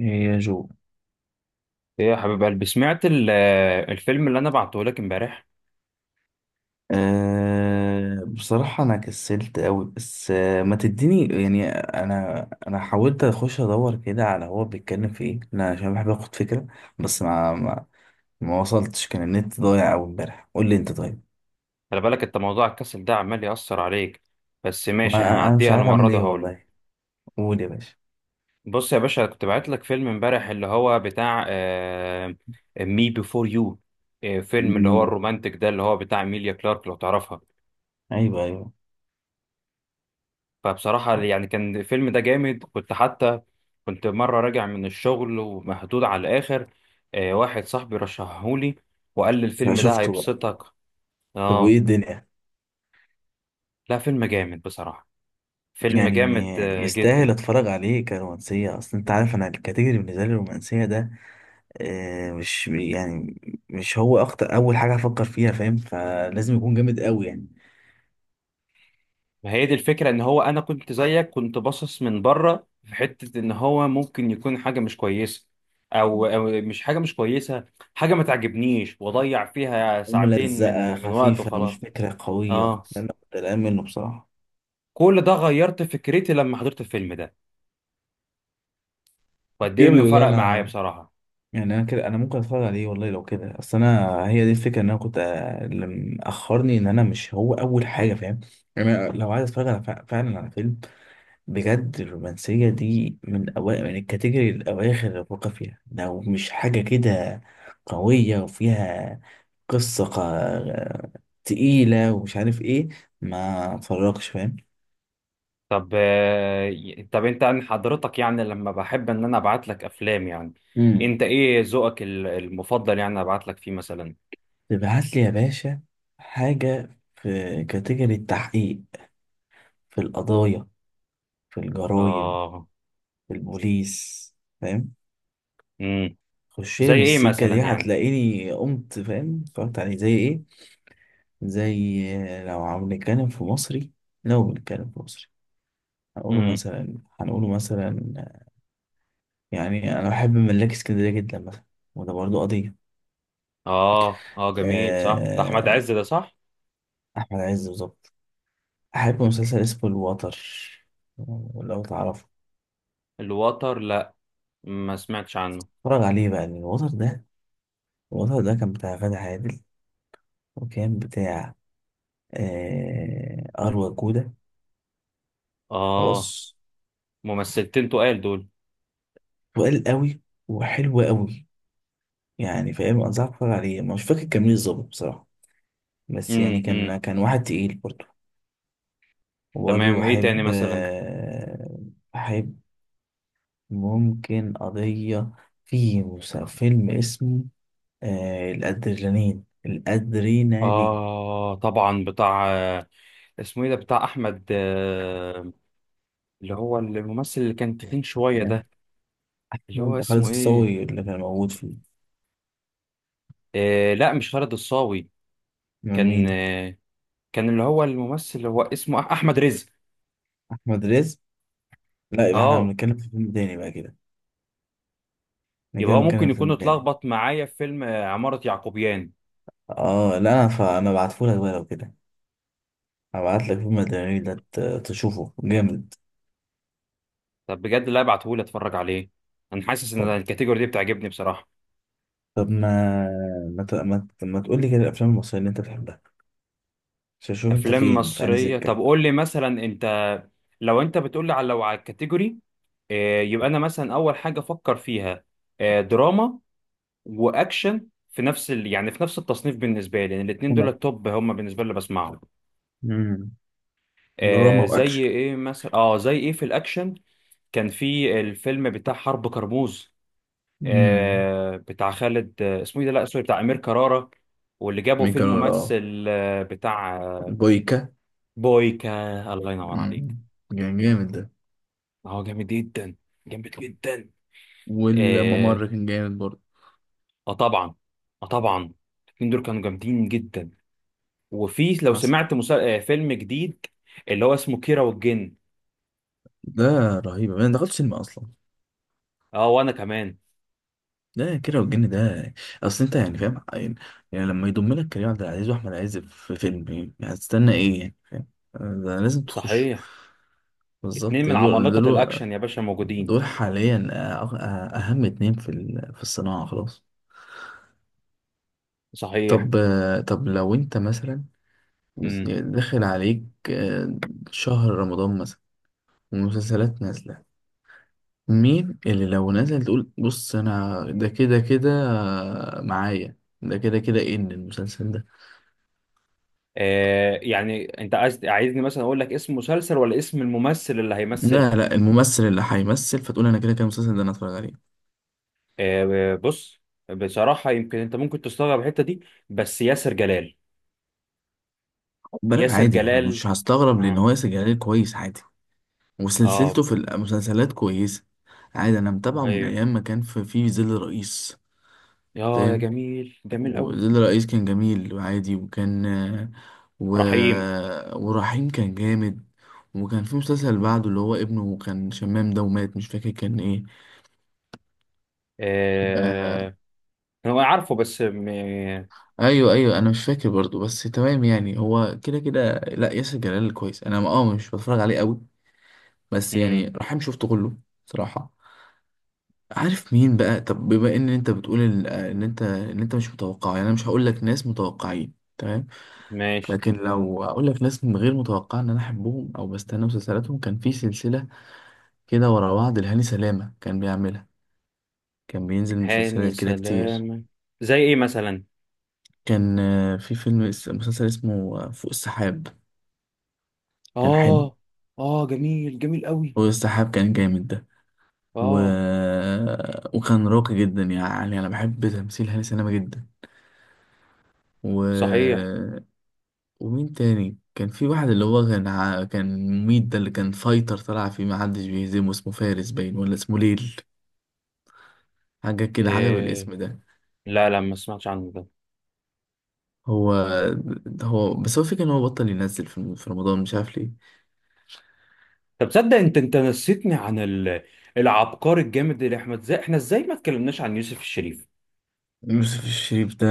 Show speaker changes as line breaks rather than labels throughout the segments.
يا جو،
ايه يا حبيب قلبي، سمعت الفيلم اللي انا بعته لك امبارح.
بصراحة أنا كسلت أوي. بس ما تديني، يعني أنا حاولت أخش أدور كده على هو بيتكلم في إيه، أنا عشان بحب آخد فكرة. بس ما وصلتش، كان النت ضايع أوي إمبارح. قول لي أنت طيب.
خلي بالك انت، موضوع الكسل ده عمال يأثر عليك، بس ماشي
ما أنا مش
هعديها
عارف
المره
أعمل
دي
إيه
وهقول لك.
والله. قول يا باشا.
بص يا باشا، كنت بعت لك فيلم امبارح اللي هو بتاع مي بيفور يو، فيلم اللي هو
مم.
الرومانتك ده اللي هو بتاع ميليا كلارك لو تعرفها.
أيوه أيوه.
فبصراحه يعني كان الفيلم ده جامد، كنت حتى كنت مره راجع من الشغل ومهدود على الاخر. واحد صاحبي رشحهولي وقال لي الفيلم ده
فشفته بقى.
هيبسطك.
طب وإيه
اه.
الدنيا؟
لا فيلم جامد بصراحه، فيلم
يعني
جامد
يستاهل
جدا.
أتفرج عليه كرومانسية؟ أصل أنت عارف أنا الكاتيجوري بالنسبة لي الرومانسية ده مش يعني مش هو اكتر اول حاجه هفكر فيها، فاهم. فلازم يكون جامد قوي يعني.
هي دي الفكرة، ان هو انا كنت زيك، كنت باصص من بره في حتة ان هو ممكن يكون حاجة مش كويسة، او مش حاجة مش كويسة، حاجة ما تعجبنيش واضيع فيها ساعتين من
ملزقه
من وقت
خفيفه،
وخلاص.
مش فكره قويه،
اه.
ده انا كنت قلقان منه بصراحه.
كل ده غيرت فكرتي لما حضرت الفيلم ده، وقد ايه
جامد
انه
والله.
فرق
انا
معايا بصراحة.
يعني انا كده انا ممكن اتفرج عليه والله لو كده. اصل انا هي دي الفكره ان انا كنت اللي مأخرني ان انا مش هو اول حاجه، فاهم. يعني أنا لو عايز اتفرج على فعلا على فيلم بجد، الرومانسية دي من أوائل من الكاتيجوري الأواخر اللي بفكر فيها، لو مش حاجة كده قوية وفيها قصة تقيلة ومش عارف إيه ما اتفرجش، فاهم.
طب طب انت عن حضرتك، يعني لما بحب ان انا ابعت لك افلام يعني،
امم.
انت ايه ذوقك المفضل يعني ابعت لك فيه مثلا؟
تبعت لي يا باشا حاجة في كاتيجوري التحقيق، في القضايا، في الجرايم،
اه.
في البوليس، فاهم. خش
زي
لي من
ايه
السكة دي
مثلا يعني؟
هتلاقيني قمت، فاهم، اتفرجت عليه زي إيه. زي، لو عم نتكلم في مصري، لو بنتكلم في مصري، هنقوله
امم
مثلا هنقوله مثلا يعني أنا بحب ملاك اسكندرية جدا مثلا، وده برضه قضية.
اه اه، جميل. صح، ده احمد
آه،
عز ده، صح.
أحمد عز بالظبط. أحب مسلسل اسمه الوتر، لو تعرفه
الوتر؟ لا، ما سمعتش عنه.
اتفرج عليه بقى، لأن الوتر ده كان بتاع غادة عادل، وكان بتاع أروى جودة.
اه،
خلاص.
ممثلتين تقال دول.
وقال قوي وحلو قوي، يعني فاهم، أنصحك تتفرج عليه. مش فاكر كان مين بالظبط بصراحة، بس يعني
امم امم
كان واحد تقيل برضه. وبرضه
تمام، ايه تاني مثلا؟
بحب ممكن قضية. في فيلم اسمه الأدرينالين
اه طبعا، بتاع اسمه ايه ده، بتاع احمد اللي هو الممثل اللي كان تخين شويه
تمام؟
ده، اللي هو
أحمد خالد
اسمه ايه؟
الصاوي اللي كان موجود فيه.
آه لا مش خالد الصاوي،
من مين؟
كان كان اللي هو الممثل اللي هو اسمه احمد رزق.
أحمد رزق؟ لا، يبقى احنا
اه.
بنتكلم في فيلم تاني بقى كده. احنا
يبقى
كده
هو
بنتكلم
ممكن
في
يكون
فيلم تاني.
اتلخبط معايا في فيلم عمارة يعقوبيان.
اه لا، انا فانا بعتهولك بقى لو كده، هبعتلك فيلم الأدرينالين ده تشوفه جامد.
طب بجد، لا ابعتهولي اتفرج عليه. انا حاسس ان الكاتيجوري دي بتعجبني بصراحة.
طب ما تقول لي كده الافلام المصريه اللي انت بتحبها، عشان اشوف انت
افلام
فين في انهي
مصرية؟ طب
سكه.
قول لي مثلا انت، لو انت بتقول لي على، لو على الكاتيجوري، يبقى انا مثلا اول حاجة افكر فيها دراما واكشن في نفس يعني في نفس التصنيف بالنسبة لي، لان يعني الاتنين دول
أنا.
التوب هم بالنسبة لي اللي بسمعهم.
امم. دراما واكشن.
زي ايه مثلا؟ اه، زي ايه في الاكشن؟ كان في الفيلم بتاع حرب كرموز،
امم.
بتاع خالد اسمه ايه ده، لا سوري، بتاع امير كرارة، واللي جابوا فيه
ميكانول اه.
الممثل بتاع
بويكا.
بويكا. الله ينور عليك.
مم. كان جامد ده.
هو جامد جدا، جامد جدا. اه.
والممر كان جامد برضه.
آه طبعا، اه طبعا، الاثنين دول كانوا جامدين جدا. وفي، لو
حصل.
سمعت مسل... آه فيلم جديد اللي هو اسمه كيرة والجن.
ده رهيب، انا دخلت سينما اصلا.
اه وانا كمان.
ده كده، والجن ده. اصل انت يعني فاهم، يعني لما يضم لك كريم عبد العزيز واحمد عز في فيلم، يعني هتستنى ايه، يعني فاهم. آه، ده لازم تخش.
صحيح. اتنين
بالظبط ده
من عمالقة
له.
الاكشن يا باشا موجودين.
دول حاليا اهم اتنين في الصناعة، خلاص.
صحيح.
طب طب لو انت مثلا،
مم.
داخل عليك آه، شهر رمضان مثلا والمسلسلات نازلة، مين اللي لو نزل تقول بص انا ده كده كده معايا؟ ده كده كده ايه ان المسلسل ده؟
آه يعني انت عايزني مثلا اقول لك اسم مسلسل ولا اسم الممثل اللي هيمثل؟
لا لا، الممثل اللي هيمثل فتقول انا كده كده المسلسل ده انا اتفرج عليه.
بص، بصراحة يمكن انت ممكن تستغرب الحتة دي، بس ياسر جلال.
خد بالك
ياسر
عادي، انا
جلال،
مش هستغرب، لان
اه.
هو ياسر جلال كويس عادي،
أيوه.
وسلسلته في المسلسلات كويسة. عادي، أنا
اه
متابعه من
هي،
أيام ما كان في ظل رئيس،
يا يا
فاهم.
جميل، جميل قوي.
وظل رئيس كان جميل وعادي، وكان و...
رحيم،
ورحيم كان جامد. وكان في مسلسل بعده اللي هو ابنه كان شمام ده ومات، مش فاكر كان ايه. آه.
آه هو عارفه بس
ايوه ايوه. انا مش فاكر برضو، بس تمام يعني هو كده كده. لا ياسر جلال كويس، انا مش بتفرج عليه قوي، بس يعني
مم،
رحيم شفته كله صراحة. عارف مين بقى؟ طب بما ان انت بتقول ان إن انت ان انت مش متوقع، يعني انا مش هقول لك ناس متوقعين تمام،
ماشي.
لكن لو اقول لك ناس من غير متوقع ان انا احبهم او بستنى مسلسلاتهم، كان في سلسله كده ورا بعض لهاني سلامه كان بيعملها، كان بينزل
هاني
مسلسلات كده كتير.
سلامة؟ زي ايه مثلا؟
كان في مسلسل اسمه فوق السحاب، كان حلو.
اه. اه، جميل جميل قوي.
فوق السحاب كان جامد ده. و...
اه،
وكان راقي جدا، يعني انا بحب تمثيل هاني سلامه جدا. و
صحيح.
ومين تاني كان في واحد اللي هو كان مميت، ده اللي كان فايتر طلع فيه محدش بيهزمه، اسمه فارس باين ولا اسمه ليل، حاجة كده حاجة
آه
بالاسم ده.
لا لا، ما سمعتش عنه ده.
هو هو بس هو فكرة ان هو بطل ينزل في رمضان، مش عارف ليه.
طب تصدق، انت نسيتني عن العبقري الجامد اللي احمد، زي احنا ازاي ما اتكلمناش عن يوسف الشريف؟
يوسف الشريف ده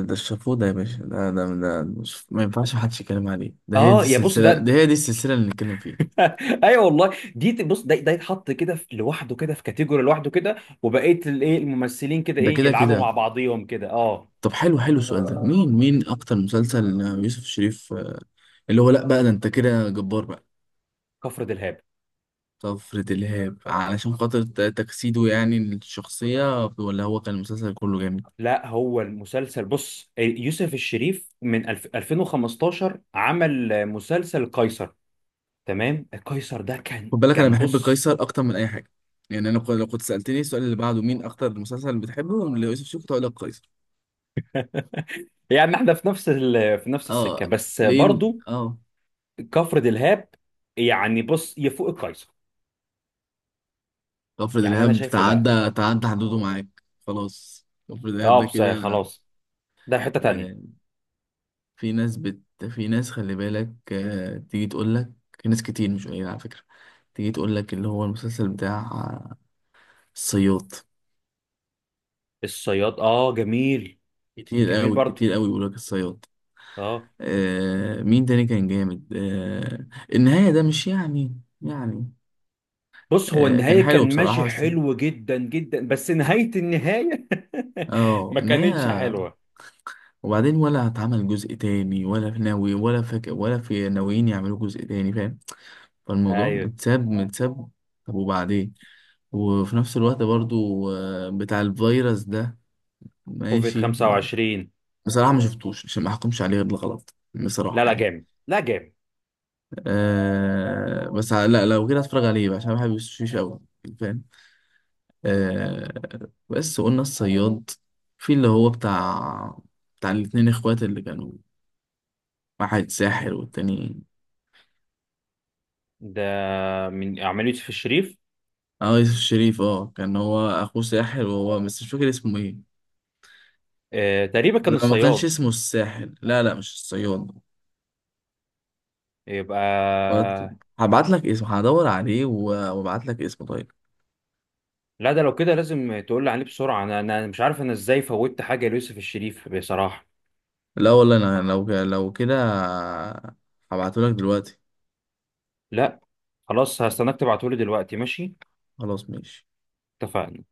ده الشافوه ده يا باشا، ده مش ما ينفعش محدش يتكلم عليه. ده هي دي
اه يا بص
السلسلة
ده.
ده هي دي السلسلة اللي نتكلم فيها.
ايوه والله، دي بص، ده يتحط كده لوحده كده، في كاتيجوري لوحده كده. وبقيه الايه الممثلين كده
ده
ايه،
كده
يلعبوا مع
كده.
بعضيهم كده. اه.
طب حلو حلو السؤال ده، مين اكتر مسلسل يوسف الشريف؟ اللي هو لا بقى، ده انت كده جبار بقى.
كفر دلهاب.
طفرة الإرهاب، علشان خاطر تجسيده يعني الشخصية، ولا هو كان المسلسل كله جامد؟
لا، هو المسلسل بص يوسف الشريف من 2015 عمل مسلسل قيصر، تمام. قيصر ده كان
خد بالك أنا بحب
بص،
قيصر أكتر من أي حاجة، يعني أنا لو كنت سألتني السؤال اللي بعده مين أكتر مسلسل بتحبه ليوسف شوقي كنت هقول لك قيصر.
يعني احنا في نفس في نفس السكه
أه.
بس
لين
برضو.
أه.
كفر دلهاب يعني، بص يفوق القيصر،
طفرة
يعني انا
الإرهاب
شايفه. لا.
تعدى حدوده معاك. خلاص طفرة الإرهاب
اه
ده
بس
كده.
خلاص، ده حتة تانية.
آه، في ناس بت في ناس خلي بالك تيجي تقول لك، في ناس كتير مش قليلة على فكرة، تيجي تقول لك اللي هو المسلسل بتاع الصياد.
الصياد؟ اه جميل.
كتير
جميل
قوي
برضو،
كتير قوي بيقول لك الصياد.
اه.
آه، مين تاني كان جامد؟ آه، النهاية ده مش يعني
بص هو
آه كان
النهاية
حلو
كان ماشي
بصراحة، بس
حلو جدا جدا، بس نهاية النهاية
اه
ما كانتش
النهاية.
حلوة.
وبعدين، ولا اتعمل جزء تاني؟ ولا في ناوي ولا فك ولا في ناويين يعملوا جزء تاني، فاهم. فالموضوع
ايوه.
متساب متساب. طب وبعدين؟ وفي نفس الوقت برضو بتاع الفيروس ده،
كوفيد
ماشي.
25؟
بصراحة ما شفتوش، عشان ما احكمش عليه غير الغلط
لا
بصراحة
لا
يعني.
جامد، لا جامد.
آه، بس لا لو كده هتفرج عليه بقى، عشان أنا بحب يوسف شيش قوي، فاهم. آه، بس قلنا الصياد. في اللي هو بتاع الاتنين اخوات اللي كانوا، واحد ساحر والتاني.
ده من عملية يوسف الشريف؟
اه، يوسف شريف. اه كان هو اخوه ساحر، وهو بس مش فاكر اسمه ايه.
آه تقريبا، كان
لا، ما كانش
الصياد.
اسمه الساحر، لا لا، مش الصياد.
يبقى
هبعت لك اسمه، هدور عليه وابعت لك اسمه طيب.
لا، ده لو كده لازم تقول لي عليه بسرعة. أنا مش عارف أنا إزاي فوتت حاجة ليوسف الشريف بصراحة.
لا والله انا لو كده هبعته لك دلوقتي.
لا خلاص، هستناك تبعتهولي دلوقتي، ماشي.
خلاص ماشي.
اتفقنا.